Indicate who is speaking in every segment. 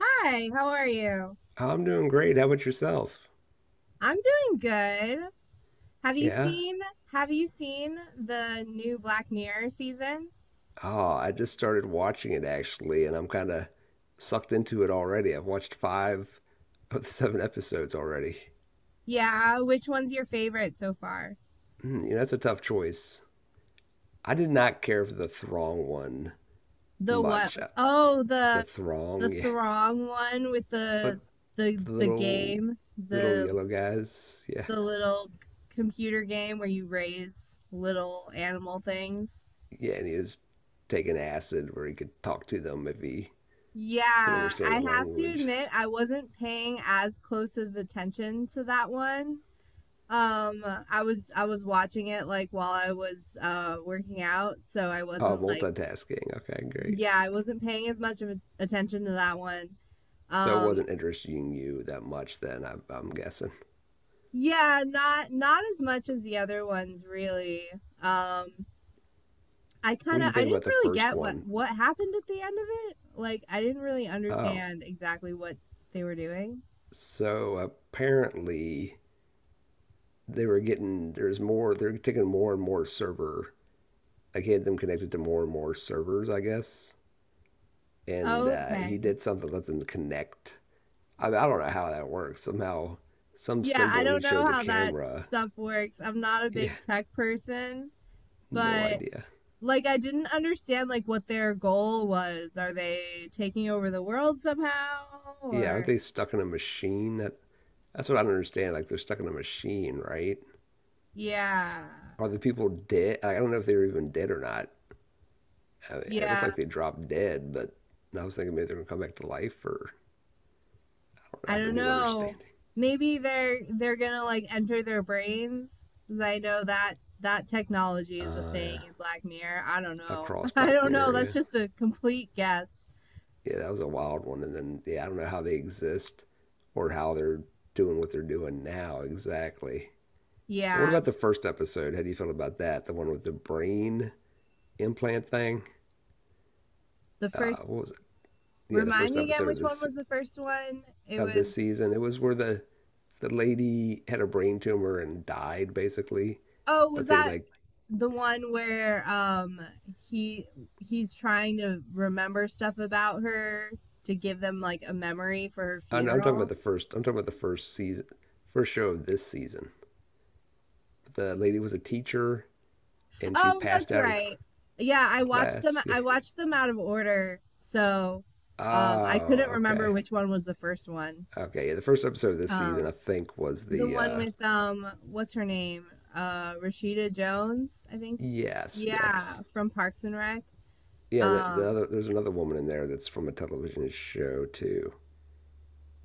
Speaker 1: Hi, how are you?
Speaker 2: I'm doing great. How about yourself?
Speaker 1: I'm doing good. Have you
Speaker 2: Yeah.
Speaker 1: seen have you seen the new Black Mirror season?
Speaker 2: Oh, I just started watching it actually, and I'm kind of sucked into it already. I've watched five of the seven episodes already.
Speaker 1: Yeah, which one's your favorite so far?
Speaker 2: That's a tough choice. I did not care for the Throng one
Speaker 1: The what?
Speaker 2: much.
Speaker 1: Oh,
Speaker 2: The
Speaker 1: the
Speaker 2: Throng, yeah.
Speaker 1: Throng one with the
Speaker 2: But
Speaker 1: the
Speaker 2: the
Speaker 1: the
Speaker 2: little,
Speaker 1: game,
Speaker 2: little
Speaker 1: the
Speaker 2: yellow guys, yeah.
Speaker 1: little computer game where you raise little animal things.
Speaker 2: Yeah, and he was taking acid where he could talk to them if he could
Speaker 1: Yeah,
Speaker 2: understand the
Speaker 1: I have to
Speaker 2: language.
Speaker 1: admit I wasn't paying as close of attention to that one. Um, I was watching it like while I was working out, so I
Speaker 2: Oh,
Speaker 1: wasn't like
Speaker 2: multitasking. Okay, great.
Speaker 1: yeah, I wasn't paying as much of a- attention to that one.
Speaker 2: So it
Speaker 1: Um,
Speaker 2: wasn't interesting you that much then, I'm guessing.
Speaker 1: yeah, not as much as the other ones really. Um, I kind
Speaker 2: What do
Speaker 1: of
Speaker 2: you
Speaker 1: I
Speaker 2: think about
Speaker 1: didn't
Speaker 2: the
Speaker 1: really
Speaker 2: first
Speaker 1: get what
Speaker 2: one?
Speaker 1: happened at the end of it. Like I didn't really
Speaker 2: Oh,
Speaker 1: understand exactly what they were doing.
Speaker 2: so apparently they were getting, there's more, they're taking more and more server, like he had them connected to more and more servers, I guess. And he
Speaker 1: Okay.
Speaker 2: did something to let them connect. I don't know how that works. Somehow, some
Speaker 1: Yeah, I
Speaker 2: symbol he
Speaker 1: don't
Speaker 2: showed
Speaker 1: know
Speaker 2: the
Speaker 1: how that
Speaker 2: camera.
Speaker 1: stuff works. I'm not a
Speaker 2: Yeah,
Speaker 1: big tech person,
Speaker 2: no
Speaker 1: but
Speaker 2: idea.
Speaker 1: like I didn't understand like what their goal was. Are they taking over the world somehow
Speaker 2: Yeah, aren't
Speaker 1: or
Speaker 2: they stuck in a machine? That's what I don't understand. Like they're stuck in a machine, right?
Speaker 1: yeah.
Speaker 2: Are the people dead? I don't know if they were even dead or not. I mean, it looked
Speaker 1: Yeah,
Speaker 2: like they dropped dead, but I was thinking maybe they're gonna come back to life, or I don't know. I
Speaker 1: I
Speaker 2: have a
Speaker 1: don't
Speaker 2: new
Speaker 1: know.
Speaker 2: understanding.
Speaker 1: Maybe they're gonna like enter their brains. 'Cause I know that that technology is a thing
Speaker 2: Yeah,
Speaker 1: in Black Mirror. I don't know.
Speaker 2: across
Speaker 1: I
Speaker 2: Black
Speaker 1: don't know. That's
Speaker 2: Mirror.
Speaker 1: just a complete guess.
Speaker 2: Yeah, yeah, that was a wild one. And then yeah, I don't know how they exist or how they're doing what they're doing now exactly. But what
Speaker 1: Yeah.
Speaker 2: about the first episode? How do you feel about that? The one with the brain implant thing.
Speaker 1: The first
Speaker 2: What was it? Yeah, the
Speaker 1: remind
Speaker 2: first
Speaker 1: me again
Speaker 2: episode of
Speaker 1: which one
Speaker 2: this
Speaker 1: was the first one? It
Speaker 2: of this
Speaker 1: was
Speaker 2: season. It was where the lady had a brain tumor and died basically
Speaker 1: oh, was
Speaker 2: but they
Speaker 1: that
Speaker 2: like.
Speaker 1: the one where he he's trying to remember stuff about her to give them like a memory for her
Speaker 2: I'm talking about
Speaker 1: funeral.
Speaker 2: the first. I'm talking about the first season, first show of this season. The lady was a teacher, and she
Speaker 1: Oh,
Speaker 2: passed
Speaker 1: that's
Speaker 2: out in
Speaker 1: right. Yeah,
Speaker 2: class. Yeah.
Speaker 1: I watched them out of order. So I
Speaker 2: Oh,
Speaker 1: couldn't remember
Speaker 2: okay,
Speaker 1: which one was the first one.
Speaker 2: okay. Yeah, the first episode of this season,
Speaker 1: Um
Speaker 2: I think, was
Speaker 1: the
Speaker 2: the.
Speaker 1: one with what's her name? Rashida Jones, I think.
Speaker 2: Yes,
Speaker 1: Yeah,
Speaker 2: yes,
Speaker 1: from Parks and Rec.
Speaker 2: yeah. The
Speaker 1: Um
Speaker 2: other, there's another woman in there that's from a television show too.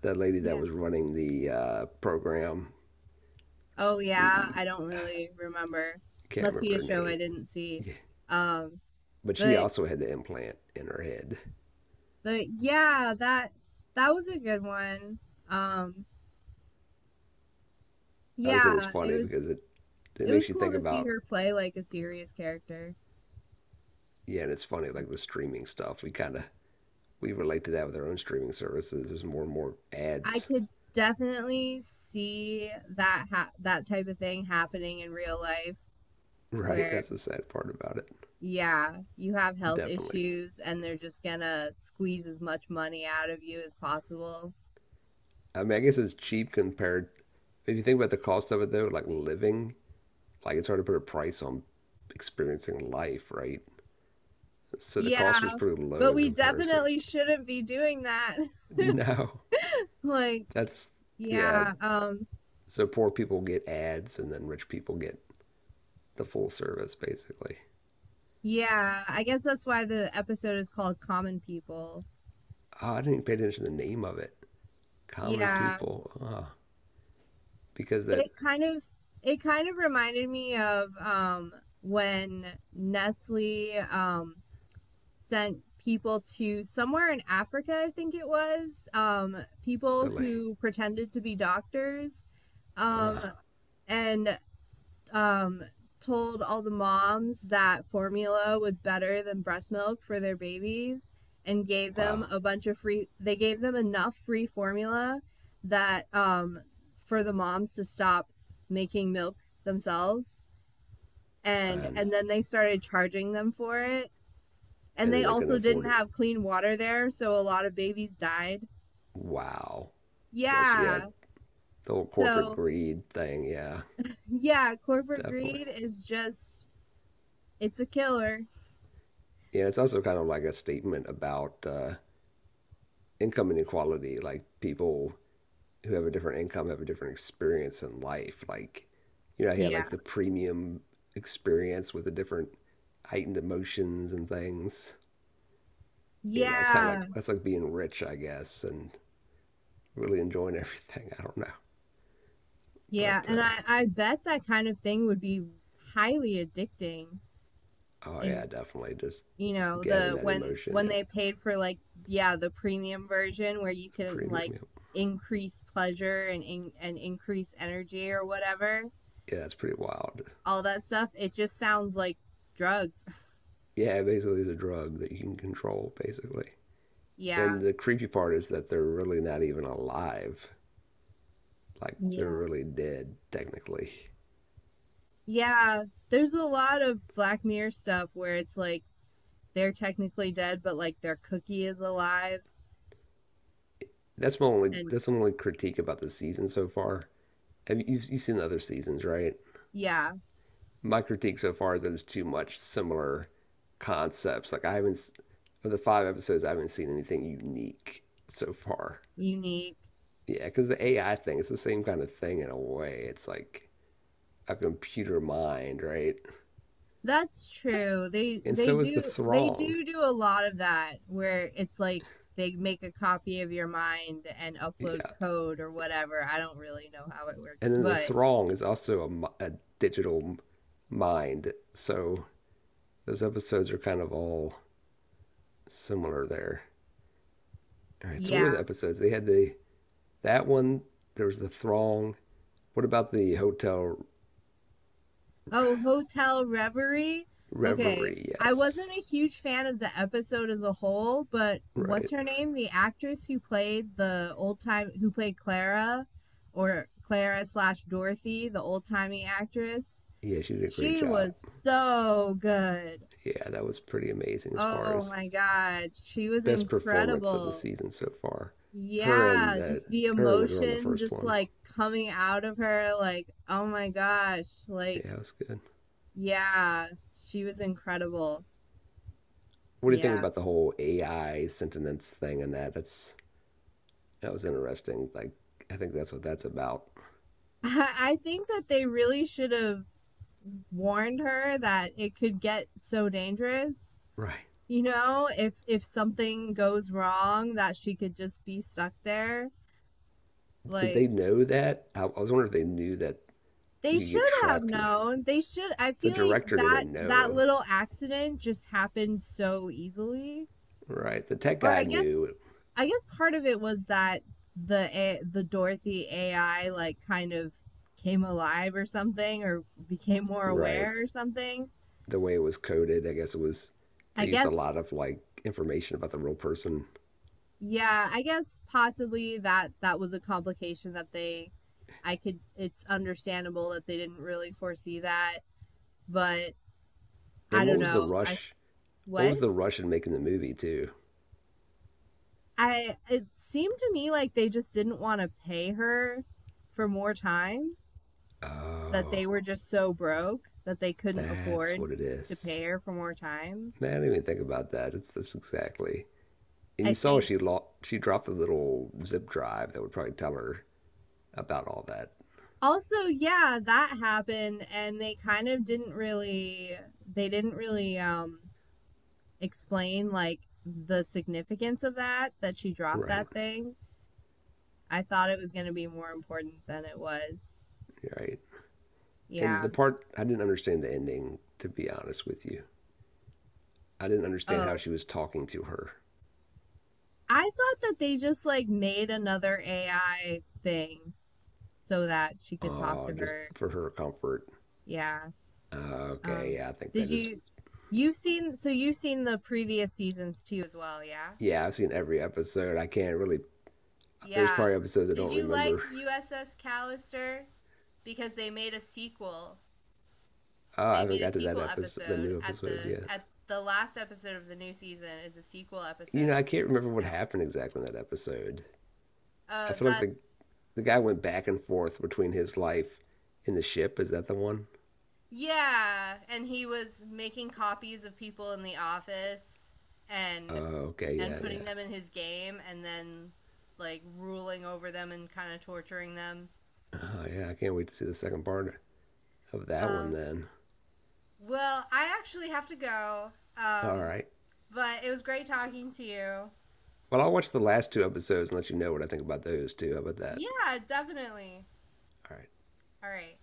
Speaker 2: That lady that
Speaker 1: yeah.
Speaker 2: was running the program,
Speaker 1: Oh yeah,
Speaker 2: the
Speaker 1: I don't really remember.
Speaker 2: can't
Speaker 1: Must be
Speaker 2: remember
Speaker 1: a
Speaker 2: her
Speaker 1: show
Speaker 2: name.
Speaker 1: I didn't see.
Speaker 2: Yeah,
Speaker 1: Um,
Speaker 2: but she
Speaker 1: but
Speaker 2: also had the implant in her head.
Speaker 1: yeah, that was a good one. Um,
Speaker 2: I just think it's
Speaker 1: yeah,
Speaker 2: funny because it
Speaker 1: it was
Speaker 2: makes you
Speaker 1: cool
Speaker 2: think
Speaker 1: to see
Speaker 2: about.
Speaker 1: her play like a serious character.
Speaker 2: Yeah, and it's funny like the streaming stuff. We kind of we relate to that with our own streaming services. There's more and more
Speaker 1: I
Speaker 2: ads,
Speaker 1: could definitely see that type of thing happening in real life
Speaker 2: right?
Speaker 1: where
Speaker 2: That's the sad part about it.
Speaker 1: yeah, you have health
Speaker 2: Definitely.
Speaker 1: issues and they're just gonna squeeze as much money out of you as possible.
Speaker 2: I mean, I guess it's cheap compared. If you think about the cost of it though, like living, like it's hard to put a price on experiencing life, right? So the
Speaker 1: Yeah,
Speaker 2: cost was pretty low
Speaker 1: but
Speaker 2: in
Speaker 1: we
Speaker 2: comparison.
Speaker 1: definitely shouldn't be doing that.
Speaker 2: No,
Speaker 1: Like,
Speaker 2: that's yeah.
Speaker 1: yeah,
Speaker 2: So poor people get ads, and then rich people get the full service, basically.
Speaker 1: yeah, I guess that's why the episode is called Common People.
Speaker 2: Oh, I didn't even pay attention to the name of it. Common
Speaker 1: Yeah.
Speaker 2: people, because that
Speaker 1: It kind of it kind of reminded me of when Nestle sent people to somewhere in Africa, I think it was, people
Speaker 2: really,
Speaker 1: who pretended to be doctors. Um
Speaker 2: uh,
Speaker 1: and um, told all the moms that formula was better than breast milk for their babies and gave them
Speaker 2: wow,
Speaker 1: a bunch of free they gave them enough free formula that for the moms to stop making milk themselves
Speaker 2: and
Speaker 1: and then they started charging them for it, and
Speaker 2: and then
Speaker 1: they
Speaker 2: they couldn't
Speaker 1: also didn't
Speaker 2: afford it.
Speaker 1: have clean water there, so a lot of babies died.
Speaker 2: Wow, that's yeah,
Speaker 1: Yeah,
Speaker 2: the whole corporate
Speaker 1: so
Speaker 2: greed thing. Yeah,
Speaker 1: yeah, corporate
Speaker 2: definitely.
Speaker 1: greed is just it's a killer.
Speaker 2: Yeah, it's also kind of like a statement about income inequality. Like people who have a different income have a different experience in life. Like, he had like
Speaker 1: Yeah.
Speaker 2: the premium experience with the different heightened emotions and things. It's kind of
Speaker 1: Yeah.
Speaker 2: like that's like being rich, I guess, and really enjoying everything. I don't know,
Speaker 1: Yeah,
Speaker 2: but
Speaker 1: and I bet that kind of thing would be highly addicting.
Speaker 2: oh yeah,
Speaker 1: And
Speaker 2: definitely just
Speaker 1: you know,
Speaker 2: giving
Speaker 1: the
Speaker 2: that emotion.
Speaker 1: when
Speaker 2: Yep,
Speaker 1: they paid for like yeah, the premium version where you
Speaker 2: the
Speaker 1: can
Speaker 2: premium.
Speaker 1: like
Speaker 2: Yep.
Speaker 1: increase pleasure and increase energy or whatever,
Speaker 2: Yeah, it's pretty wild.
Speaker 1: all that stuff, it just sounds like drugs.
Speaker 2: Yeah, basically, it's a drug that you can control, basically.
Speaker 1: Yeah.
Speaker 2: And the creepy part is that they're really not even alive. Like they're
Speaker 1: Yeah.
Speaker 2: really dead technically.
Speaker 1: Yeah, there's a lot of Black Mirror stuff where it's like they're technically dead, but like their cookie is alive
Speaker 2: That's my only
Speaker 1: and
Speaker 2: that's my only critique about the season so far. You've seen the other seasons, right?
Speaker 1: yeah,
Speaker 2: My critique so far is that there's too much similar concepts. Like I haven't s- of the five episodes, I haven't seen anything unique so far.
Speaker 1: unique.
Speaker 2: Yeah, because the AI thing, it's the same kind of thing in a way. It's like a computer mind, right?
Speaker 1: That's true.
Speaker 2: And so is the
Speaker 1: They
Speaker 2: Throng.
Speaker 1: do a lot of that where it's like they make a copy of your mind and upload
Speaker 2: Yeah,
Speaker 1: code or whatever. I don't really know how it works,
Speaker 2: and then the
Speaker 1: but
Speaker 2: Throng is also a digital mind. So those episodes are kind of all similar there. All right, so what are
Speaker 1: yeah.
Speaker 2: the episodes? They had the that one. There was the Throng. What about the Hotel
Speaker 1: Oh, Hotel Reverie. Okay.
Speaker 2: Reverie?
Speaker 1: I
Speaker 2: Yes.
Speaker 1: wasn't a huge fan of the episode as a whole, but what's
Speaker 2: Right.
Speaker 1: her name? The actress who played the old time who played Clara or Clara slash Dorothy, the old timey actress.
Speaker 2: Yeah, she did a great
Speaker 1: She
Speaker 2: job.
Speaker 1: was so good.
Speaker 2: Yeah, that was pretty amazing as far
Speaker 1: Oh
Speaker 2: as
Speaker 1: my God, she was
Speaker 2: best performance of the
Speaker 1: incredible.
Speaker 2: season so far. Her and
Speaker 1: Yeah,
Speaker 2: the
Speaker 1: just the
Speaker 2: her and the girl in the
Speaker 1: emotion
Speaker 2: first
Speaker 1: just
Speaker 2: one.
Speaker 1: like coming out of her, like, oh my gosh, like,
Speaker 2: Yeah, it was good.
Speaker 1: yeah, she was incredible.
Speaker 2: What do you think
Speaker 1: Yeah.
Speaker 2: about the whole AI sentience thing and that? That was interesting. Like I think that's what that's about.
Speaker 1: I think that they really should have warned her that it could get so dangerous.
Speaker 2: Right.
Speaker 1: You know, if something goes wrong, that she could just be stuck there.
Speaker 2: Did
Speaker 1: Like,
Speaker 2: they know that? I was wondering if they knew that you
Speaker 1: they
Speaker 2: could get
Speaker 1: should have
Speaker 2: trapped in
Speaker 1: known. They should. I
Speaker 2: the
Speaker 1: feel like
Speaker 2: director didn't
Speaker 1: that
Speaker 2: know.
Speaker 1: little accident just happened so easily.
Speaker 2: Right. The tech
Speaker 1: Or
Speaker 2: guy knew.
Speaker 1: I guess part of it was that the A- the Dorothy AI like kind of came alive or something, or became more
Speaker 2: Right.
Speaker 1: aware or something.
Speaker 2: The way it was coded. I guess it was
Speaker 1: I
Speaker 2: they used a
Speaker 1: guess.
Speaker 2: lot of like information about the real person.
Speaker 1: Yeah, I guess possibly that that was a complication that they. I could. It's understandable that they didn't really foresee that, but I
Speaker 2: And what
Speaker 1: don't
Speaker 2: was the
Speaker 1: know. I
Speaker 2: rush? What
Speaker 1: what?
Speaker 2: was the rush in making the movie too?
Speaker 1: I it seemed to me like they just didn't want to pay her for more time, that they
Speaker 2: Oh,
Speaker 1: were just so broke that they couldn't
Speaker 2: that's
Speaker 1: afford
Speaker 2: what it
Speaker 1: to
Speaker 2: is.
Speaker 1: pay her for more time.
Speaker 2: Man, I didn't even think about that. It's this exactly. And
Speaker 1: I
Speaker 2: you saw
Speaker 1: think
Speaker 2: she dropped the little zip drive that would probably tell her about all that.
Speaker 1: also, yeah, that happened and they kind of didn't really they didn't really um explain like the significance of that that she dropped
Speaker 2: Right,
Speaker 1: that thing. I thought it was going to be more important than it was.
Speaker 2: right. And
Speaker 1: Yeah.
Speaker 2: the part I didn't understand the ending. To be honest with you, I didn't understand how
Speaker 1: Oh,
Speaker 2: she was talking to her.
Speaker 1: I thought that they just like made another AI thing so that she could talk
Speaker 2: Oh,
Speaker 1: to
Speaker 2: just
Speaker 1: her.
Speaker 2: for her comfort.
Speaker 1: Yeah.
Speaker 2: Uh, Okay,
Speaker 1: Um,
Speaker 2: yeah, I think
Speaker 1: did
Speaker 2: that is.
Speaker 1: you you've seen so you've seen the previous seasons too as well, yeah?
Speaker 2: Yeah, I've seen every episode. I can't really. There's
Speaker 1: Yeah.
Speaker 2: probably episodes I
Speaker 1: Did
Speaker 2: don't
Speaker 1: you
Speaker 2: remember.
Speaker 1: like USS Callister because they made a sequel?
Speaker 2: Oh, I
Speaker 1: They
Speaker 2: haven't
Speaker 1: made a
Speaker 2: got to that
Speaker 1: sequel
Speaker 2: episode, the
Speaker 1: episode
Speaker 2: new episode yet.
Speaker 1: at the last episode of the new season is a sequel
Speaker 2: You know,
Speaker 1: episode
Speaker 2: I
Speaker 1: to
Speaker 2: can't remember what
Speaker 1: USS Callister.
Speaker 2: happened exactly in that episode. I feel like the
Speaker 1: That's
Speaker 2: the guy went back and forth between his life and the ship. Is that the one?
Speaker 1: yeah, and he was making copies of people in the office and
Speaker 2: Oh, okay,
Speaker 1: and
Speaker 2: yeah,
Speaker 1: putting
Speaker 2: yeah.
Speaker 1: them in his game and then like ruling over them and kind of torturing them.
Speaker 2: Oh, yeah. I can't wait to see the second part of that one
Speaker 1: Um,
Speaker 2: then.
Speaker 1: well, I actually have to go.
Speaker 2: All
Speaker 1: Um,
Speaker 2: right.
Speaker 1: but it was great talking to you.
Speaker 2: Well, I'll watch the last two episodes and let you know what I think about those too. How about that?
Speaker 1: Yeah, definitely.
Speaker 2: All right. Later.
Speaker 1: All right.